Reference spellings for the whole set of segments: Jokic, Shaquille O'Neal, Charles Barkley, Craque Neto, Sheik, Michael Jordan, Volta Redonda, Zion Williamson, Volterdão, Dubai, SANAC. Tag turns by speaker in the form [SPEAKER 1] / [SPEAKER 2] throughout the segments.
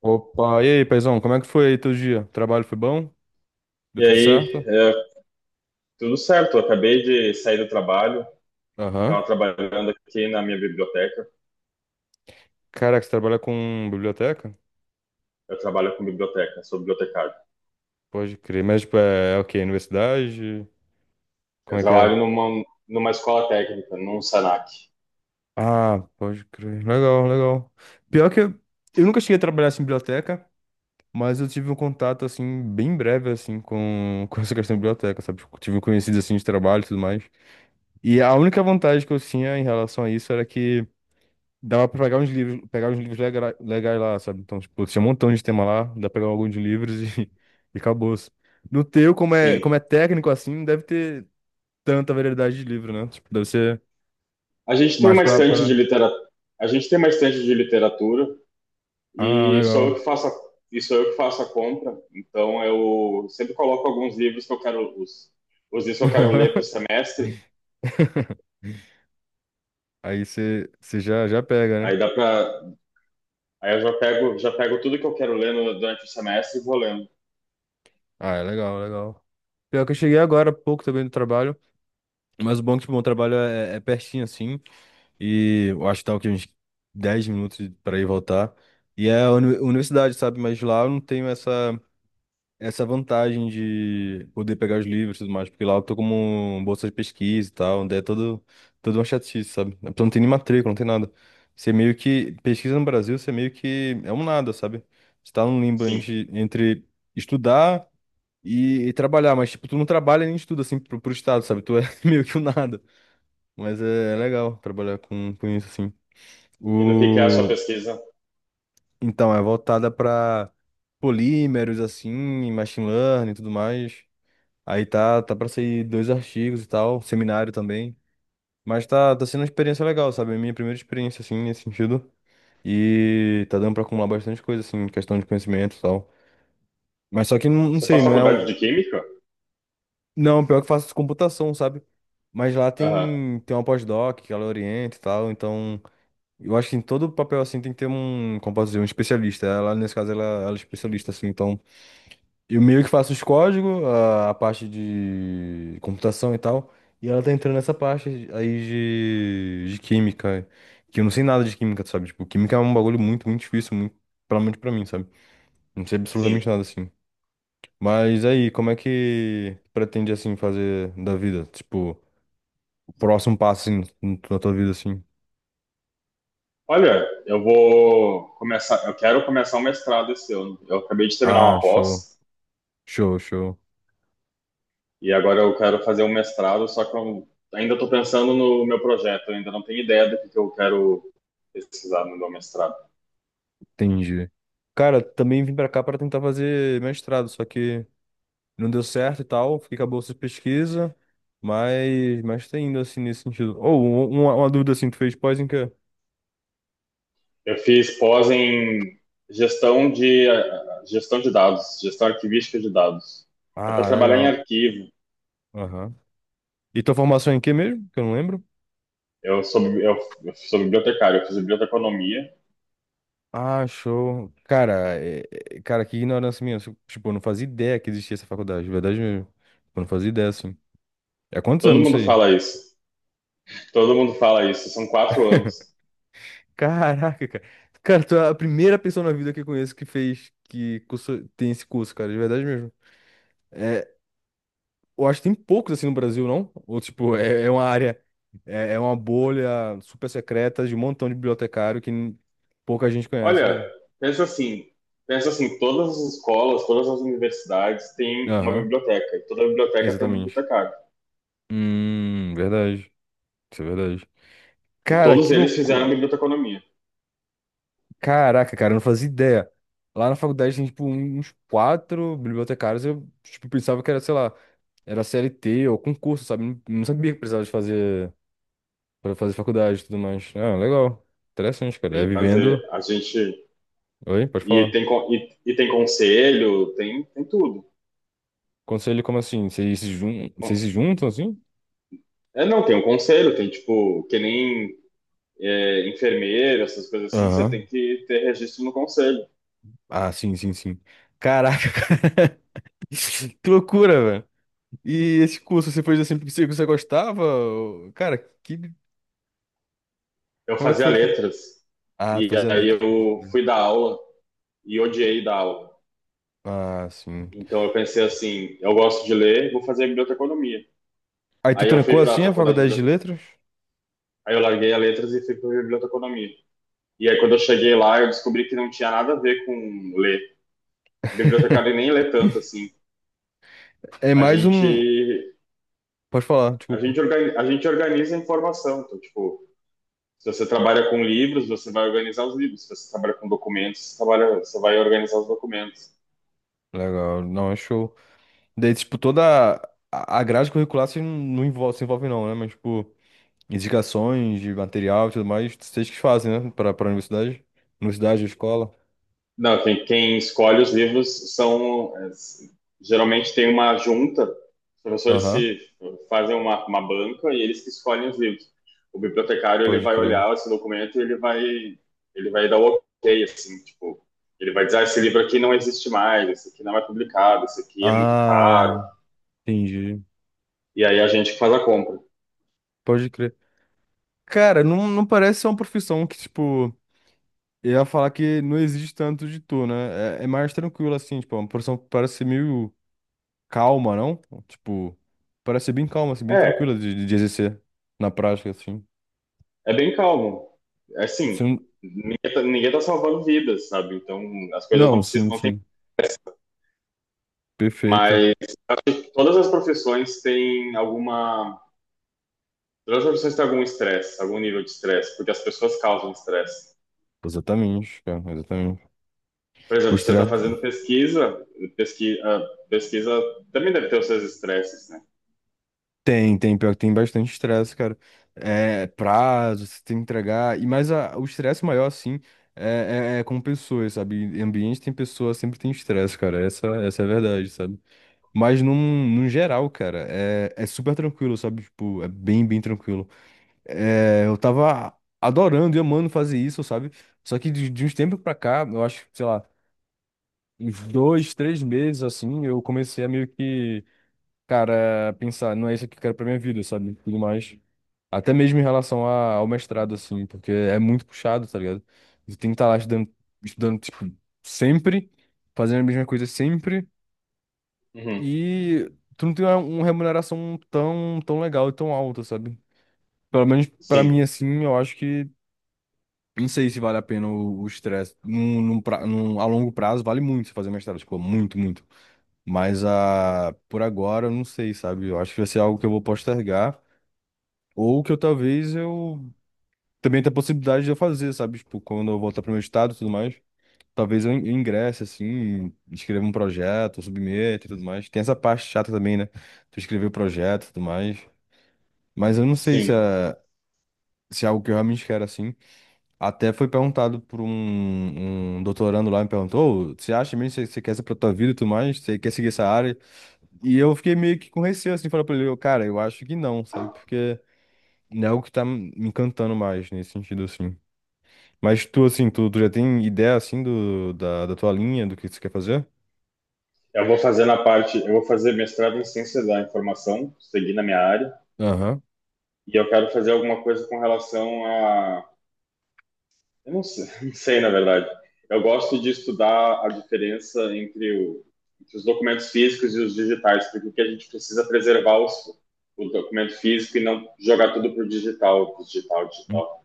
[SPEAKER 1] Opa, e aí, paizão, como é que foi aí teu dia? Trabalho foi bom? Deu
[SPEAKER 2] E
[SPEAKER 1] tudo
[SPEAKER 2] aí,
[SPEAKER 1] certo?
[SPEAKER 2] tudo certo. Eu acabei de sair do trabalho,
[SPEAKER 1] Aham.
[SPEAKER 2] estava trabalhando aqui na minha biblioteca.
[SPEAKER 1] Caraca, você trabalha com biblioteca?
[SPEAKER 2] Eu trabalho com biblioteca, sou bibliotecário.
[SPEAKER 1] Pode crer, mas tipo, é o quê? Universidade?
[SPEAKER 2] Eu
[SPEAKER 1] Como é que
[SPEAKER 2] trabalho
[SPEAKER 1] é?
[SPEAKER 2] numa escola técnica, num SANAC.
[SPEAKER 1] Ah, pode crer. Legal, legal. Pior que eu nunca cheguei a trabalhar assim, em biblioteca, mas eu tive um contato, assim, bem breve, assim, com, com essa questão de biblioteca, sabe? Tipo, tive conhecidos, assim, de trabalho e tudo mais. E a única vantagem que eu tinha em relação a isso era que dava pra pegar uns livros legais lá, sabe? Então, tipo, tinha um montão de tema lá, dá pra pegar alguns livros e, e acabou, assim. No teu,
[SPEAKER 2] Sim.
[SPEAKER 1] como é técnico assim, não deve ter tanta variedade de livro, né? Tipo, deve ser
[SPEAKER 2] A gente tem
[SPEAKER 1] mais
[SPEAKER 2] uma estante de
[SPEAKER 1] pra...
[SPEAKER 2] literatura. A gente tem uma estante de literatura
[SPEAKER 1] Ah,
[SPEAKER 2] e sou eu
[SPEAKER 1] legal.
[SPEAKER 2] que faço a, e sou eu que faço a compra. Então eu sempre coloco alguns livros que eu quero os livros que eu quero ler para o semestre.
[SPEAKER 1] Aí você já, já pega,
[SPEAKER 2] Aí
[SPEAKER 1] né?
[SPEAKER 2] dá para Aí eu já pego tudo que eu quero ler no, durante o semestre e vou lendo.
[SPEAKER 1] Ah, é legal, legal. Pior que eu cheguei agora há pouco também do trabalho, mas o bom é que, tipo, o meu trabalho é pertinho, assim. E eu acho que tá o quê? Uns 10 minutos para ir e voltar. E é a universidade, sabe? Mas lá eu não tenho essa, essa vantagem de poder pegar os livros e tudo mais, porque lá eu tô como um bolsa de pesquisa e tal, onde é todo uma chatice, sabe? A pessoa não tem nem matrícula, não tem nada. Você é meio que pesquisa no Brasil, você é meio que é um nada, sabe? Você tá num limbo
[SPEAKER 2] Sim.
[SPEAKER 1] entre estudar e trabalhar, mas tipo, tu não trabalha nem estuda assim pro estado, sabe? Tu é meio que um nada. Mas é legal trabalhar com isso, assim.
[SPEAKER 2] E no que é a sua
[SPEAKER 1] O...
[SPEAKER 2] pesquisa?
[SPEAKER 1] Então, é voltada para polímeros, assim, machine learning e tudo mais. Aí tá para sair dois artigos e tal, seminário também. Mas tá sendo uma experiência legal, sabe? A minha primeira experiência, assim, nesse sentido. E tá dando pra acumular bastante coisa, assim, em questão de conhecimento e tal. Mas só que, não
[SPEAKER 2] Você
[SPEAKER 1] sei,
[SPEAKER 2] faz
[SPEAKER 1] não é
[SPEAKER 2] faculdade
[SPEAKER 1] um...
[SPEAKER 2] de Química?
[SPEAKER 1] Não, pior que eu faço computação, sabe? Mas lá
[SPEAKER 2] Aham,
[SPEAKER 1] tem, tem uma pós-doc que ela orienta e tal, então... Eu acho que em todo papel assim tem que ter um, como posso dizer, um especialista. Ela, nesse caso, ela é especialista, assim. Então, eu meio que faço os códigos, a parte de computação e tal. E ela tá entrando nessa parte aí de química. Que eu não sei nada de química, sabe? Tipo, química é um bagulho muito, muito difícil, muito, pelo menos pra mim, sabe? Não sei
[SPEAKER 2] sim.
[SPEAKER 1] absolutamente nada, assim. Mas aí, como é que pretende, assim, fazer da vida? Tipo, o próximo passo, assim, na tua vida, assim.
[SPEAKER 2] Olha, eu quero começar um mestrado esse ano. Eu acabei de terminar
[SPEAKER 1] Ah,
[SPEAKER 2] uma
[SPEAKER 1] show,
[SPEAKER 2] pós
[SPEAKER 1] show, show.
[SPEAKER 2] e agora eu quero fazer um mestrado, só que eu ainda estou pensando no meu projeto, eu ainda não tenho ideia do que eu quero pesquisar no meu mestrado.
[SPEAKER 1] Entendi. Cara, também vim pra cá pra tentar fazer mestrado, só que não deu certo e tal, fiquei com a bolsa de pesquisa, mas tá indo assim nesse sentido. Ou um, uma dúvida assim, tu fez pós em quê?
[SPEAKER 2] Eu fiz pós em gestão de gestão de dados, gestão arquivística de dados. É para
[SPEAKER 1] Ah,
[SPEAKER 2] trabalhar em
[SPEAKER 1] legal.
[SPEAKER 2] arquivo.
[SPEAKER 1] Aham. E tua formação é em quê mesmo? Que eu não lembro.
[SPEAKER 2] Eu sou, eu, eu sou bibliotecário, eu fiz biblioteconomia.
[SPEAKER 1] Ah, show. Cara, cara, que ignorância minha. Tipo, eu não fazia ideia que existia essa faculdade, de verdade mesmo. Eu não fazia ideia, assim. É há quantos
[SPEAKER 2] Todo
[SPEAKER 1] anos isso
[SPEAKER 2] mundo
[SPEAKER 1] aí?
[SPEAKER 2] fala isso. Todo mundo fala isso, são 4 anos.
[SPEAKER 1] Caraca, cara. Cara, tu é a primeira pessoa na vida que eu conheço que fez, tem esse curso, cara, de verdade mesmo. Eu acho que tem poucos assim no Brasil, não? Ou, tipo, é uma área, é uma bolha super secreta de um montão de bibliotecário pouca gente conhece,
[SPEAKER 2] Olha,
[SPEAKER 1] cara.
[SPEAKER 2] pensa assim, pensa assim, todas as escolas, todas as universidades têm uma
[SPEAKER 1] Aham,
[SPEAKER 2] biblioteca, e toda biblioteca tem um
[SPEAKER 1] exatamente.
[SPEAKER 2] bibliotecário.
[SPEAKER 1] Verdade. Isso é verdade.
[SPEAKER 2] E
[SPEAKER 1] Cara,
[SPEAKER 2] todos
[SPEAKER 1] que
[SPEAKER 2] eles fizeram
[SPEAKER 1] loucura.
[SPEAKER 2] biblioteconomia.
[SPEAKER 1] Caraca, cara, eu não fazia ideia. Lá na faculdade tem, tipo, um, uns quatro bibliotecários. Eu, tipo, pensava que era, sei lá, era CLT ou concurso, sabe? Não sabia que precisava de fazer para fazer faculdade e tudo mais. Ah, legal. Interessante, cara.
[SPEAKER 2] Tem
[SPEAKER 1] É
[SPEAKER 2] que fazer,
[SPEAKER 1] vivendo.
[SPEAKER 2] a gente
[SPEAKER 1] Oi, pode
[SPEAKER 2] e
[SPEAKER 1] falar.
[SPEAKER 2] tem con- e tem conselho, tem tudo.
[SPEAKER 1] Conselho como assim? Vocês se jun...
[SPEAKER 2] Bom,
[SPEAKER 1] Vocês se juntam assim?
[SPEAKER 2] É, não, tem um conselho, tem tipo, que nem é, enfermeiro, essas coisas assim, você tem
[SPEAKER 1] Aham.
[SPEAKER 2] que ter registro no conselho.
[SPEAKER 1] Ah, sim, sim, sim. Caraca, que loucura, velho. E esse curso, você fez assim porque você gostava? Cara, que...
[SPEAKER 2] Eu
[SPEAKER 1] como é que
[SPEAKER 2] fazia
[SPEAKER 1] foi assim?
[SPEAKER 2] letras,
[SPEAKER 1] Ah, tu
[SPEAKER 2] e
[SPEAKER 1] fazia
[SPEAKER 2] aí
[SPEAKER 1] letra. Tipo...
[SPEAKER 2] eu fui dar aula e odiei dar aula.
[SPEAKER 1] Ah, sim.
[SPEAKER 2] Então eu pensei assim, eu gosto de ler, vou fazer biblioteconomia.
[SPEAKER 1] Aí tu
[SPEAKER 2] Aí eu fui
[SPEAKER 1] trancou
[SPEAKER 2] para a
[SPEAKER 1] assim a
[SPEAKER 2] faculdade de
[SPEAKER 1] faculdade de letras?
[SPEAKER 2] aí eu larguei a letras e fui para biblioteconomia. E aí quando eu cheguei lá, eu descobri que não tinha nada a ver com ler. Bibliotecário nem lê tanto assim.
[SPEAKER 1] É
[SPEAKER 2] A
[SPEAKER 1] mais um.
[SPEAKER 2] gente
[SPEAKER 1] Pode falar, desculpa.
[SPEAKER 2] a gente organiza a informação, então, tipo, se você trabalha com livros, você vai organizar os livros. Se você trabalha com documentos, você vai organizar os documentos.
[SPEAKER 1] Legal, não, é show. Daí, tipo, toda a grade curricular se não envolve, se envolve não, né? Mas, tipo, indicações de material e tudo mais, vocês que fazem, né? Pra universidade? Universidade, escola?
[SPEAKER 2] Não, quem, quem escolhe os livros geralmente tem uma junta, os professores
[SPEAKER 1] Aham,
[SPEAKER 2] se fazem uma banca e eles que escolhem os livros. O bibliotecário ele
[SPEAKER 1] pode
[SPEAKER 2] vai
[SPEAKER 1] crer.
[SPEAKER 2] olhar esse documento e ele vai dar o ok, assim, tipo, ele vai dizer, ah, esse livro aqui não existe mais, esse aqui não é publicado, esse aqui é muito
[SPEAKER 1] Ah,
[SPEAKER 2] caro.
[SPEAKER 1] entendi.
[SPEAKER 2] E aí a gente que faz a compra.
[SPEAKER 1] Pode crer. Cara, não, não parece ser uma profissão que, tipo, eu ia falar que não existe tanto de tu, né? É mais tranquilo, assim, tipo, é uma profissão que parece ser meio calma, não? Tipo, parece ser bem calma, assim, bem tranquila
[SPEAKER 2] É,
[SPEAKER 1] de exercer na prática, assim.
[SPEAKER 2] é bem calmo. É assim,
[SPEAKER 1] Você não,
[SPEAKER 2] ninguém tá salvando vidas, sabe? Então as coisas não
[SPEAKER 1] não,
[SPEAKER 2] precisam,
[SPEAKER 1] sim,
[SPEAKER 2] não tem.
[SPEAKER 1] sim. Perfeito.
[SPEAKER 2] Mas Todas as profissões têm alguma. Todas as profissões têm algum estresse, algum nível de estresse, porque as pessoas causam estresse.
[SPEAKER 1] Exatamente, cara, exatamente.
[SPEAKER 2] Por
[SPEAKER 1] O
[SPEAKER 2] exemplo, se você está fazendo
[SPEAKER 1] estresse
[SPEAKER 2] pesquisa, pesquisa, pesquisa também deve ter os seus estresses, né?
[SPEAKER 1] tem, tem, pior que tem bastante estresse, cara. É prazo, você tem que entregar. E mais a, o estresse maior, assim, é com pessoas, sabe? Em ambiente tem pessoas, sempre tem estresse, cara. Essa é a verdade, sabe? Mas num, num geral, cara, é super tranquilo, sabe? Tipo, é bem, bem tranquilo. É, eu tava adorando e amando fazer isso, sabe? Só que de uns tempos pra cá, eu acho, sei lá, uns 2, 3 meses assim, eu comecei a meio que, cara, pensar, não é isso que eu quero pra minha vida, sabe? Tudo mais. Até mesmo em relação a- ao mestrado, assim, porque é muito puxado, tá ligado? Você tem que estar lá estudando, estudando, tipo, sempre, fazendo a mesma coisa sempre,
[SPEAKER 2] Uhum.
[SPEAKER 1] e tu não tem uma remuneração tão, tão legal e tão alta, sabe? Pelo menos pra
[SPEAKER 2] Sim,
[SPEAKER 1] mim, assim, eu acho que. Não sei se vale a pena o estresse. Num, num, pra- num- a longo prazo, vale muito você fazer mestrado, tipo, muito, muito. Mas a, por agora, eu não sei, sabe? Eu acho que vai ser algo que eu vou postergar. Ou que eu talvez eu. Também tenha a possibilidade de eu fazer, sabe? Tipo, quando eu voltar pro meu estado e tudo mais. Talvez eu ingresse, assim, escreva um projeto, submeta e tudo mais. Tem essa parte chata também, né? Tu escrever o projeto e tudo mais. Mas eu não sei se
[SPEAKER 2] sim.
[SPEAKER 1] é, se é algo que eu realmente quero, assim. Até foi perguntado por um, um doutorando lá, me perguntou, "Ô, você acha mesmo que você quer essa pra tua vida e tudo mais? Você quer seguir essa área? E eu fiquei meio que com receio, assim, falar pra ele, "Eu, cara, eu acho que não, sabe? Porque não é algo que tá me encantando mais, nesse sentido, assim. Mas tu, assim, tu já tem ideia, assim, do, da tua linha, do que você quer fazer?
[SPEAKER 2] Eu vou fazer mestrado em ciência da informação, seguir na minha área,
[SPEAKER 1] Aham.
[SPEAKER 2] e eu quero fazer alguma coisa com relação a. Eu não sei, não sei, na verdade. Eu gosto de estudar a diferença entre os documentos físicos e os digitais, porque o que a gente precisa é preservar o documento físico e não jogar tudo para o digital, digital.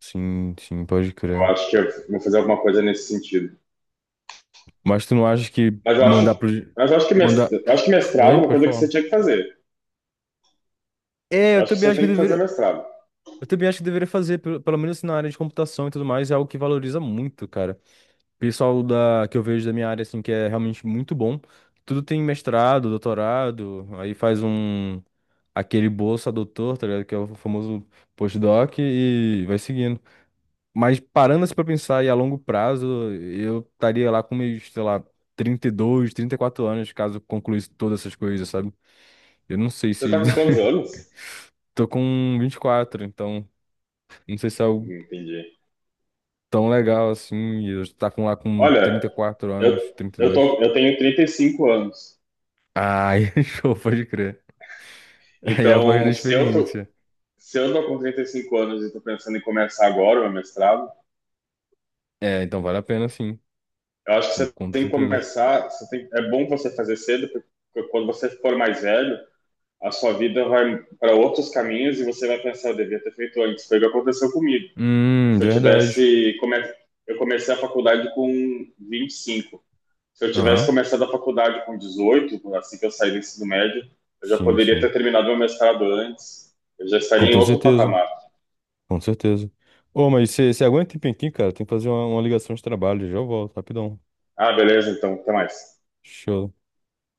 [SPEAKER 1] Sim, sim, pode
[SPEAKER 2] Eu
[SPEAKER 1] crer.
[SPEAKER 2] acho que eu vou fazer alguma coisa nesse sentido.
[SPEAKER 1] Mas tu não acha que
[SPEAKER 2] Mas eu
[SPEAKER 1] mandar
[SPEAKER 2] acho,
[SPEAKER 1] pro...
[SPEAKER 2] mas eu acho que
[SPEAKER 1] Mandar...
[SPEAKER 2] mestrado
[SPEAKER 1] Oi?
[SPEAKER 2] é uma
[SPEAKER 1] Pode
[SPEAKER 2] coisa que você
[SPEAKER 1] falar.
[SPEAKER 2] tinha que fazer.
[SPEAKER 1] É,
[SPEAKER 2] Eu
[SPEAKER 1] eu
[SPEAKER 2] acho que
[SPEAKER 1] também
[SPEAKER 2] você
[SPEAKER 1] acho que eu
[SPEAKER 2] tem que fazer
[SPEAKER 1] deveria.
[SPEAKER 2] mestrado.
[SPEAKER 1] Eu também acho que deveria fazer, pelo menos na área de computação e tudo mais, é algo que valoriza muito, cara. Pessoal da, que eu vejo da minha área, assim, que é realmente muito bom. Tudo tem mestrado, doutorado, aí faz um, aquele bolsa doutor, tá ligado? Que é o famoso postdoc e vai seguindo. Mas parando assim pra pensar e a longo prazo, eu estaria lá com meus, sei lá, 32, 34 anos, caso concluísse todas essas coisas, sabe? Eu não sei
[SPEAKER 2] Você está
[SPEAKER 1] se...
[SPEAKER 2] com quantos anos?
[SPEAKER 1] Tô com 24, então não sei se é
[SPEAKER 2] Não
[SPEAKER 1] algo
[SPEAKER 2] entendi.
[SPEAKER 1] tão legal assim, e eu tá com lá com
[SPEAKER 2] Olha,
[SPEAKER 1] 34
[SPEAKER 2] eu,
[SPEAKER 1] anos, trinta e dois
[SPEAKER 2] eu tenho 35 anos.
[SPEAKER 1] Ai, show, pode crer. Aí é a voz da
[SPEAKER 2] Então,
[SPEAKER 1] experiência.
[SPEAKER 2] se eu tô com 35 anos e estou pensando em começar agora o meu mestrado,
[SPEAKER 1] É, então vale a pena sim,
[SPEAKER 2] eu acho que
[SPEAKER 1] com
[SPEAKER 2] você
[SPEAKER 1] com toda
[SPEAKER 2] tem que
[SPEAKER 1] certeza.
[SPEAKER 2] começar. Você tem, é bom você fazer cedo, porque quando você for mais velho, a sua vida vai para outros caminhos e você vai pensar, eu devia ter feito antes. Foi o que aconteceu comigo. Se eu
[SPEAKER 1] Verdade.
[SPEAKER 2] tivesse, come, eu comecei a faculdade com 25. Se eu tivesse
[SPEAKER 1] Aham.
[SPEAKER 2] começado a faculdade com 18, assim que eu saí do ensino médio, eu já
[SPEAKER 1] Sim,
[SPEAKER 2] poderia
[SPEAKER 1] sim.
[SPEAKER 2] ter terminado meu mestrado antes. Eu já
[SPEAKER 1] Com
[SPEAKER 2] estaria em
[SPEAKER 1] toda
[SPEAKER 2] outro
[SPEAKER 1] certeza,
[SPEAKER 2] patamar.
[SPEAKER 1] com certeza. Ô, mas você aguenta um tempinho aqui, cara? Tem que fazer uma ligação de trabalho, já eu volto, rapidão.
[SPEAKER 2] Ah, beleza, então, até mais.
[SPEAKER 1] Show.